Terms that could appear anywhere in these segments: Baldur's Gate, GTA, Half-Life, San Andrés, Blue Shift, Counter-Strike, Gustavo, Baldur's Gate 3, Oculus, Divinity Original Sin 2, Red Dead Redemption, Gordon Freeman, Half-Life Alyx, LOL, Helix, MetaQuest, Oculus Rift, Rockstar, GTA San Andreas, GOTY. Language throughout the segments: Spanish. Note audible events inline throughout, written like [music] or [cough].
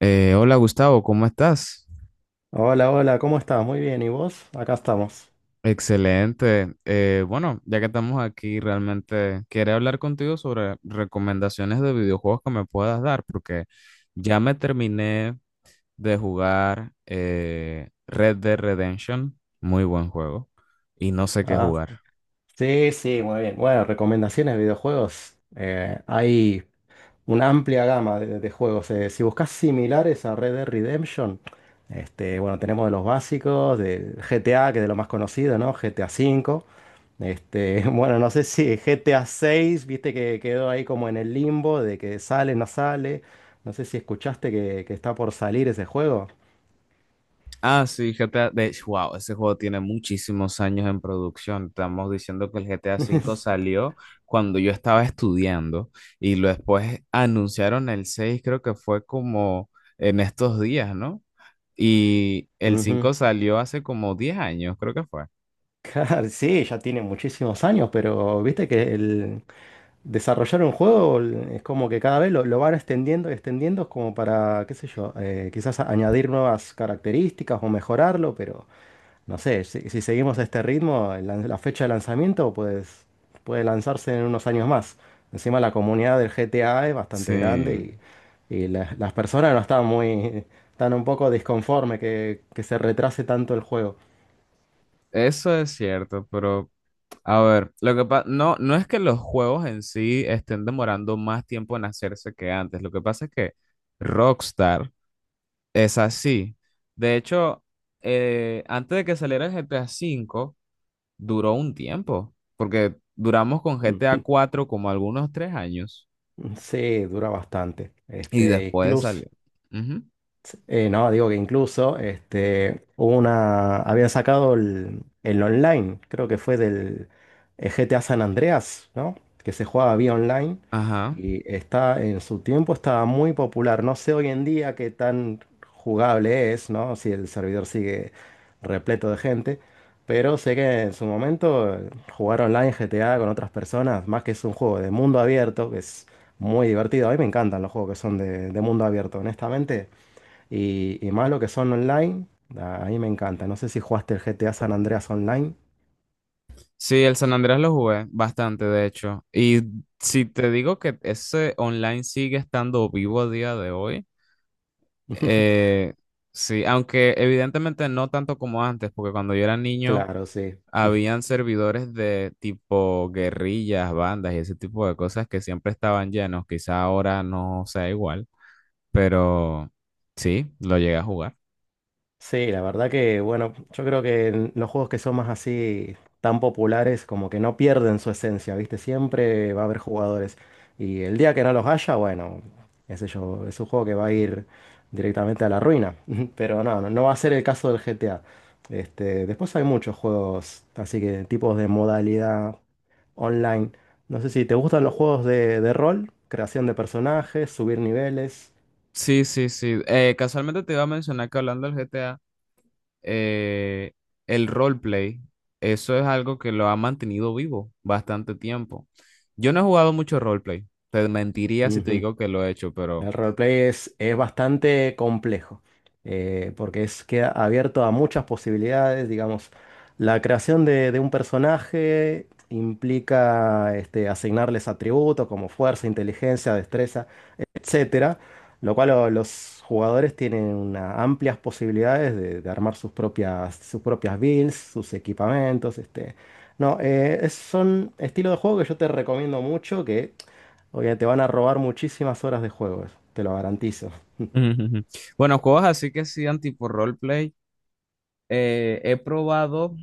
Hola Gustavo, ¿cómo estás? Hola, hola, ¿cómo estás? Muy bien, ¿y vos? Acá estamos. Excelente. Bueno, ya que estamos aquí, realmente quería hablar contigo sobre recomendaciones de videojuegos que me puedas dar, porque ya me terminé de jugar Red Dead Redemption, muy buen juego, y no sé qué Ah, jugar. sí, sí, muy bien. Bueno, recomendaciones de videojuegos. Hay una amplia gama de juegos. Si buscas similares a Red Dead Redemption, bueno, tenemos de los básicos, de GTA, que es de lo más conocido, ¿no? GTA cinco. [laughs] Bueno, no sé si GTA 6 viste que quedó ahí como en el limbo de que sale. No sé si escuchaste que está por salir ese juego. Ah, sí, GTA. De hecho, wow, ese juego tiene muchísimos años en producción. Estamos diciendo que el GTA V [laughs] salió cuando yo estaba estudiando y lo después anunciaron el 6, creo que fue como en estos días, ¿no? Y el Ujú. 5 salió hace como 10 años, creo que fue. Claro, sí, ya tiene muchísimos años, pero viste que el desarrollar un juego es como que cada vez lo van extendiendo y extendiendo como para, qué sé yo, quizás añadir nuevas características o mejorarlo, pero no sé, si seguimos a este ritmo, la fecha de lanzamiento pues puede lanzarse en unos años más. Encima la comunidad del GTA es bastante grande Sí, y las personas no están están un poco disconformes que se retrase tanto el juego. eso es cierto, pero a ver, lo que pasa, no, no es que los juegos en sí estén demorando más tiempo en hacerse que antes, lo que pasa es que Rockstar. Es así. De hecho, antes de que saliera el GTA V, duró un tiempo, porque duramos con GTA 4 como algunos 3 años Sí, dura bastante. y después salió. Ujú. No, digo que habían sacado el online, creo que fue del GTA San Andreas, ¿no? Que se jugaba vía online Ajá. y está en su tiempo estaba muy popular. No sé hoy en día qué tan jugable es, ¿no? Si el servidor sigue repleto de gente, pero sé que en su momento jugar online GTA con otras personas, más que es un juego de mundo abierto, que es muy divertido. A mí me encantan los juegos que son de mundo abierto, honestamente. Y más lo que son online, a mí me encanta. No sé si jugaste el GTA San Andreas online. Sí, el San Andrés lo jugué bastante, de hecho. Y si te digo que ese online sigue estando vivo a día de hoy, [laughs] Eh, sí, aunque evidentemente no tanto como antes, porque cuando yo era niño Claro, sí. habían servidores de tipo guerrillas, bandas y ese tipo de cosas que siempre estaban llenos. Quizá ahora no sea igual, pero sí, lo llegué a jugar. Sí, la verdad que, bueno, yo creo que en los juegos que son más así tan populares, como que no pierden su esencia, ¿viste? Siempre va a haber jugadores. Y el día que no los haya, bueno, qué sé yo, es un juego que va a ir directamente a la ruina. [laughs] Pero no, no, no va a ser el caso del GTA. Después hay muchos juegos, así que tipos de modalidad online. No sé si te gustan los juegos de rol, creación de personajes, subir niveles. Sí, sí, sí. Casualmente te iba a mencionar que hablando del GTA, eh, el roleplay, eso es algo que lo ha mantenido vivo bastante tiempo. Yo no he jugado mucho roleplay, te mentiría si te digo que lo he hecho, pero El roleplay es bastante complejo, porque queda abierto a muchas posibilidades, digamos. La creación de un personaje implica asignarles atributos como fuerza, inteligencia, destreza, etcétera, lo cual los jugadores tienen amplias posibilidades de armar sus propias builds, sus equipamientos. No, son estilo de juego que yo te recomiendo mucho, que porque te van a robar muchísimas horas de juego, eso, te lo garantizo. ujú, ujú. Bueno, cosas así que sean tipo roleplay. He probado,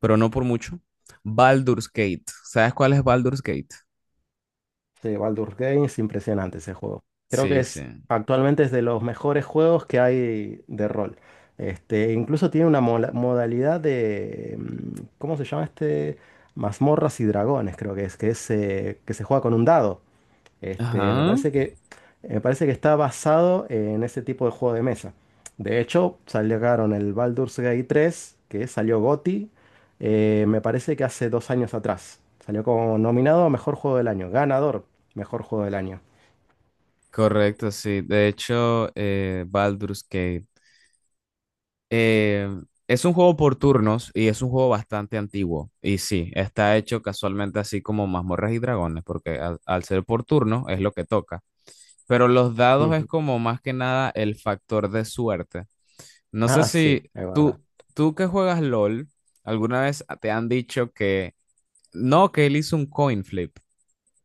pero no por mucho, Baldur's Gate. ¿Sabes cuál es Baldur's Gate? Sí, Baldur's Gate es impresionante ese juego. Creo que Sí, sí. es actualmente es de los mejores juegos que hay de rol. Incluso tiene una modalidad de, ¿cómo se llama este? Mazmorras y dragones, creo que es, que se juega con un dado. Este, me Ajá. parece que, me parece que está basado en ese tipo de juego de mesa. De hecho, salieron el Baldur's Gate 3, que salió GOTY, me parece que hace 2 años atrás. Salió como nominado a Mejor Juego del Año, ganador, Mejor Juego del Año. Correcto, sí. De hecho, Baldur's Gate, eh, es un juego por turnos y es un juego bastante antiguo. Y sí, está hecho casualmente así como mazmorras y dragones, porque al ser por turno es lo que toca. Pero los dados es Ujú. como más que nada el factor de suerte. No sé Ah, sí, si es verdad. tú que juegas LOL, alguna vez te han dicho que no, que él hizo un coin flip,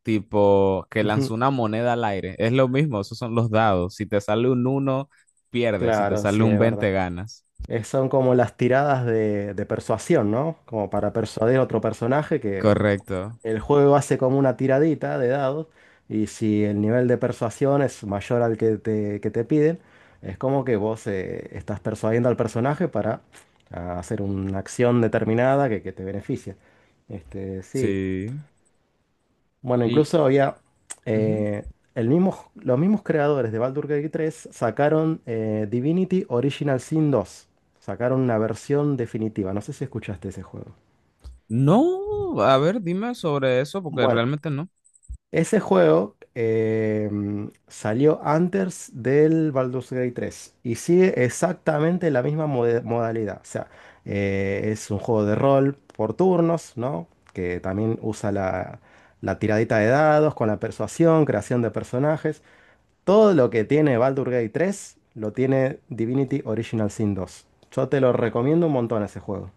tipo que Ujú. lanzó una moneda al aire. Es lo mismo, esos son los dados. Si te sale un uno pierdes. Si te Claro, sale sí, un es verdad. veinte ganas. Son como las tiradas de persuasión, ¿no? Como para persuadir a otro personaje. Correcto. El juego hace como una tiradita de dados y si el nivel de persuasión es mayor al que te piden, es como que vos estás persuadiendo al personaje para hacer una acción determinada que te beneficia. Sí. Sí. Bueno, Y, incluso había ujú. eh, el mismo, los mismos creadores de Baldur's Gate 3 sacaron Divinity Original Sin 2. Sacaron una versión definitiva. No sé si escuchaste ese juego. No, a ver, dime sobre eso, porque Bueno, realmente no. ese juego salió antes del Baldur's Gate 3 y sigue exactamente la misma modalidad. O sea, es un juego de rol por turnos, ¿no? Que también usa la tiradita de dados con la persuasión, creación de personajes. Todo lo que tiene Baldur's Gate 3 lo tiene Divinity Original Sin 2. Yo te lo recomiendo un montón ese juego.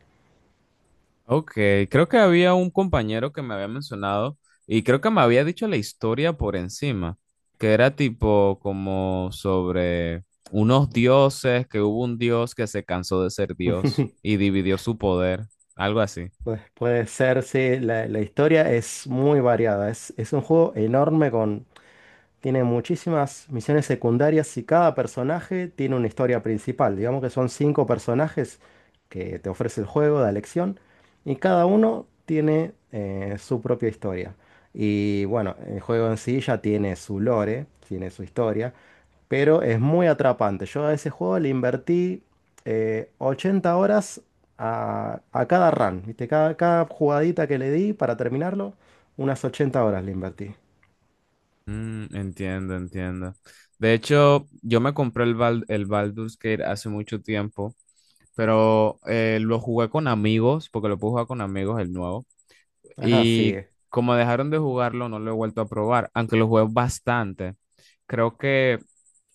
Ok, creo que había un compañero que me había mencionado y creo que me había dicho la historia por encima, que era tipo como sobre unos dioses, que hubo un dios que se cansó de ser dios [laughs] y dividió su poder, algo así. Pues puede ser, sí, la historia es muy variada. Es un juego enorme tiene muchísimas misiones secundarias y cada personaje tiene una historia principal. Digamos que son cinco personajes que te ofrece el juego de elección y cada uno tiene su propia historia. Y bueno, el juego en sí ya tiene su lore, tiene su historia, pero es muy atrapante. Yo a ese juego le invertí 80 horas a cada run, ¿viste? Cada jugadita que le di para terminarlo, unas 80 horas le invertí. Mm, entiendo, entiendo. De hecho, yo me compré el Baldur's Gate hace mucho tiempo, pero lo jugué con amigos, porque lo puedo jugar con amigos, el nuevo. Ajá, Y sí. como dejaron de jugarlo, no lo he vuelto a probar, aunque lo jugué bastante. Creo que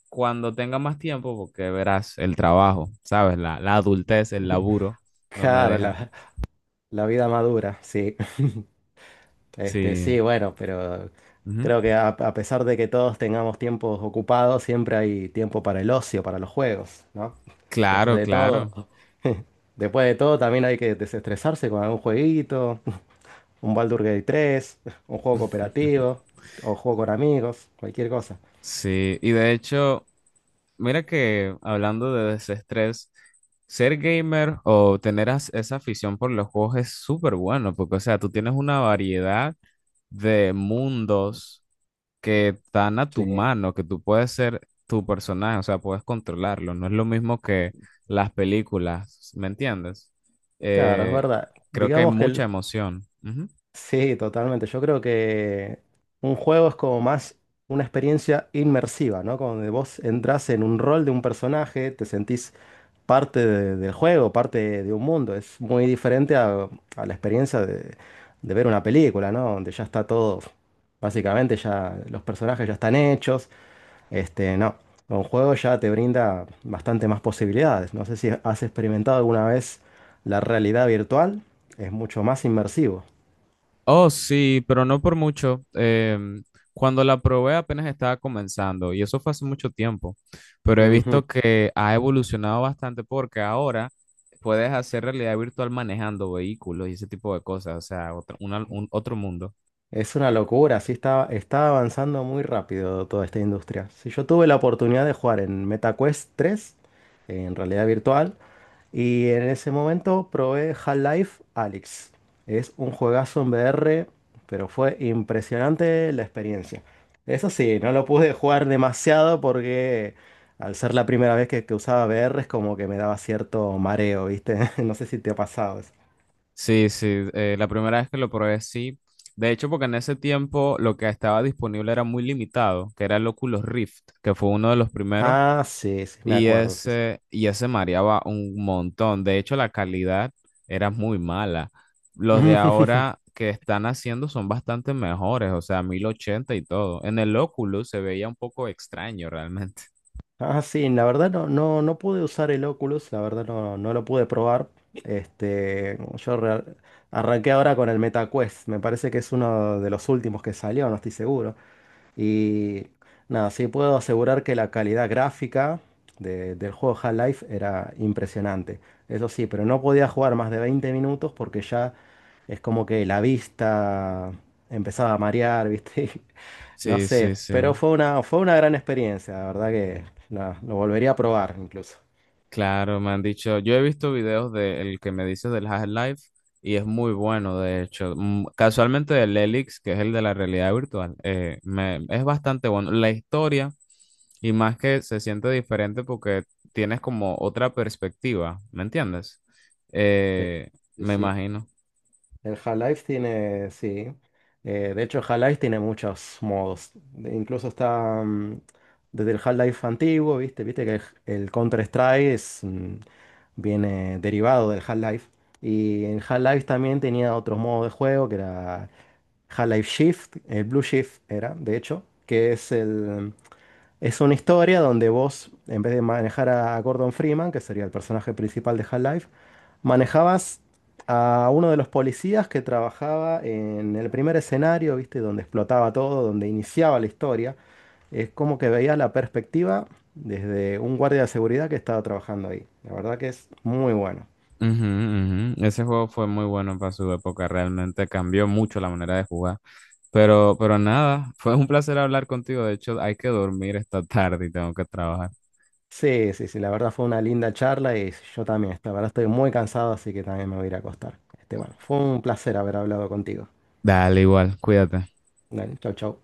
cuando tenga más tiempo, porque verás el trabajo, ¿sabes? La adultez, el laburo, no me Claro, deja. la vida madura, sí. Sí, Sí. bueno, pero Ujú. creo que a pesar de que todos tengamos tiempos ocupados, siempre hay tiempo para el ocio, para los juegos, ¿no? Después Claro, de claro. todo, [laughs] después de todo también hay que desestresarse con algún jueguito, un Baldur's Gate 3, un juego cooperativo, [laughs] o juego con amigos, cualquier cosa. Sí. Y de hecho, mira que hablando de desestrés, ser gamer o tener esa afición por los juegos es súper bueno, porque, o sea, tú tienes una variedad de mundos que están a tu Sí, mano, que tú puedes ser tu personaje, o sea, puedes controlarlo. No es lo mismo que las películas, ¿me entiendes? claro, es Eh, verdad. Creo que hay mucha emoción. Ujú. Sí, totalmente. Yo creo que un juego es como más una experiencia inmersiva, ¿no? Como de vos entras en un rol de un personaje, te sentís parte del juego, parte de un mundo. Es muy diferente a la experiencia de ver una película, ¿no? Donde ya está todo, básicamente ya los personajes ya están hechos. No, un juego ya te brinda bastante más posibilidades. No sé si has experimentado alguna vez la realidad virtual, es mucho más inmersivo. Oh, sí, pero no por mucho. Cuando la probé apenas estaba comenzando y eso fue hace mucho tiempo, pero he visto que ha evolucionado bastante porque ahora puedes hacer realidad virtual manejando vehículos y ese tipo de cosas, o sea, otro, otro mundo. Es una locura, sí está avanzando muy rápido toda esta industria. Sí, yo tuve la oportunidad de jugar en MetaQuest 3, en realidad virtual, y en ese momento probé Half-Life Alyx. Es un juegazo en VR, pero fue impresionante la experiencia. Eso sí, no lo pude jugar demasiado porque al ser la primera vez que usaba VR es como que me daba cierto mareo, ¿viste? [laughs] No sé si te ha pasado eso. Sí, sí, la primera vez que lo probé, sí. De hecho, porque en ese tiempo lo que estaba disponible era muy limitado, que era el Oculus Rift, que fue uno de los primeros, Ah, sí, sí, me y acuerdo, sí. ese, y ese mareaba un montón. De hecho, la calidad era muy mala. Los de [laughs] ahora que están haciendo son bastante mejores, o sea, 1080 y todo. En el Oculus se veía un poco extraño realmente. [laughs] Ah, sí, la verdad no, no, no pude usar el Oculus, la verdad no, no lo pude probar. Este, yo re- Arranqué ahora con el MetaQuest, me parece que es uno de los últimos que salió, no estoy seguro. Y nada, sí puedo asegurar que la calidad gráfica del juego Half-Life era impresionante. Eso sí, pero no podía jugar más de 20 minutos porque ya es como que la vista empezaba a marear, ¿viste? [laughs] No Sí, sé, sí, sí. pero fue fue una gran experiencia, la verdad que lo volvería a probar incluso. Claro, me han dicho, yo he visto videos del que me dices del Half-Life y es muy bueno, de hecho. Mm, casualmente del Helix, que es el de la realidad virtual, es bastante bueno. La historia, y más que se siente diferente porque tienes como otra perspectiva, ¿me entiendes? Sí, Eh, sí. Me sí. imagino. Sí. De hecho, el Half-Life tiene muchos modos. Incluso desde el Half-Life antiguo, ¿viste? Viste que Counter-Strike viene derivado del Half-Life. Y en Half-Life también tenía otros modos de juego, que era Half-Life Shift, el Blue Shift era, de hecho, que es el... Es una historia donde vos, en vez de manejar a Gordon Freeman, que sería el personaje principal de Half-Life, manejabas a uno de los policías que trabajaba en el primer escenario, ¿viste? Donde explotaba todo, donde iniciaba la historia. Es como que veías la perspectiva desde un guardia de seguridad que estaba trabajando ahí. La verdad que es muy bueno. Ujú, ujú. Ese juego fue muy bueno para su época, realmente cambió mucho la manera de jugar. Pero nada, [laughs] fue un placer hablar contigo. De hecho, hay que dormir esta tarde y tengo que trabajar. Sí, sí, sí, la verdad fue una linda charla y yo también, la verdad estoy muy cansado, así que también me voy a ir a acostar. Bueno, fue un placer haber hablado contigo. Dale, igual, cuídate. Dale, chau, chau.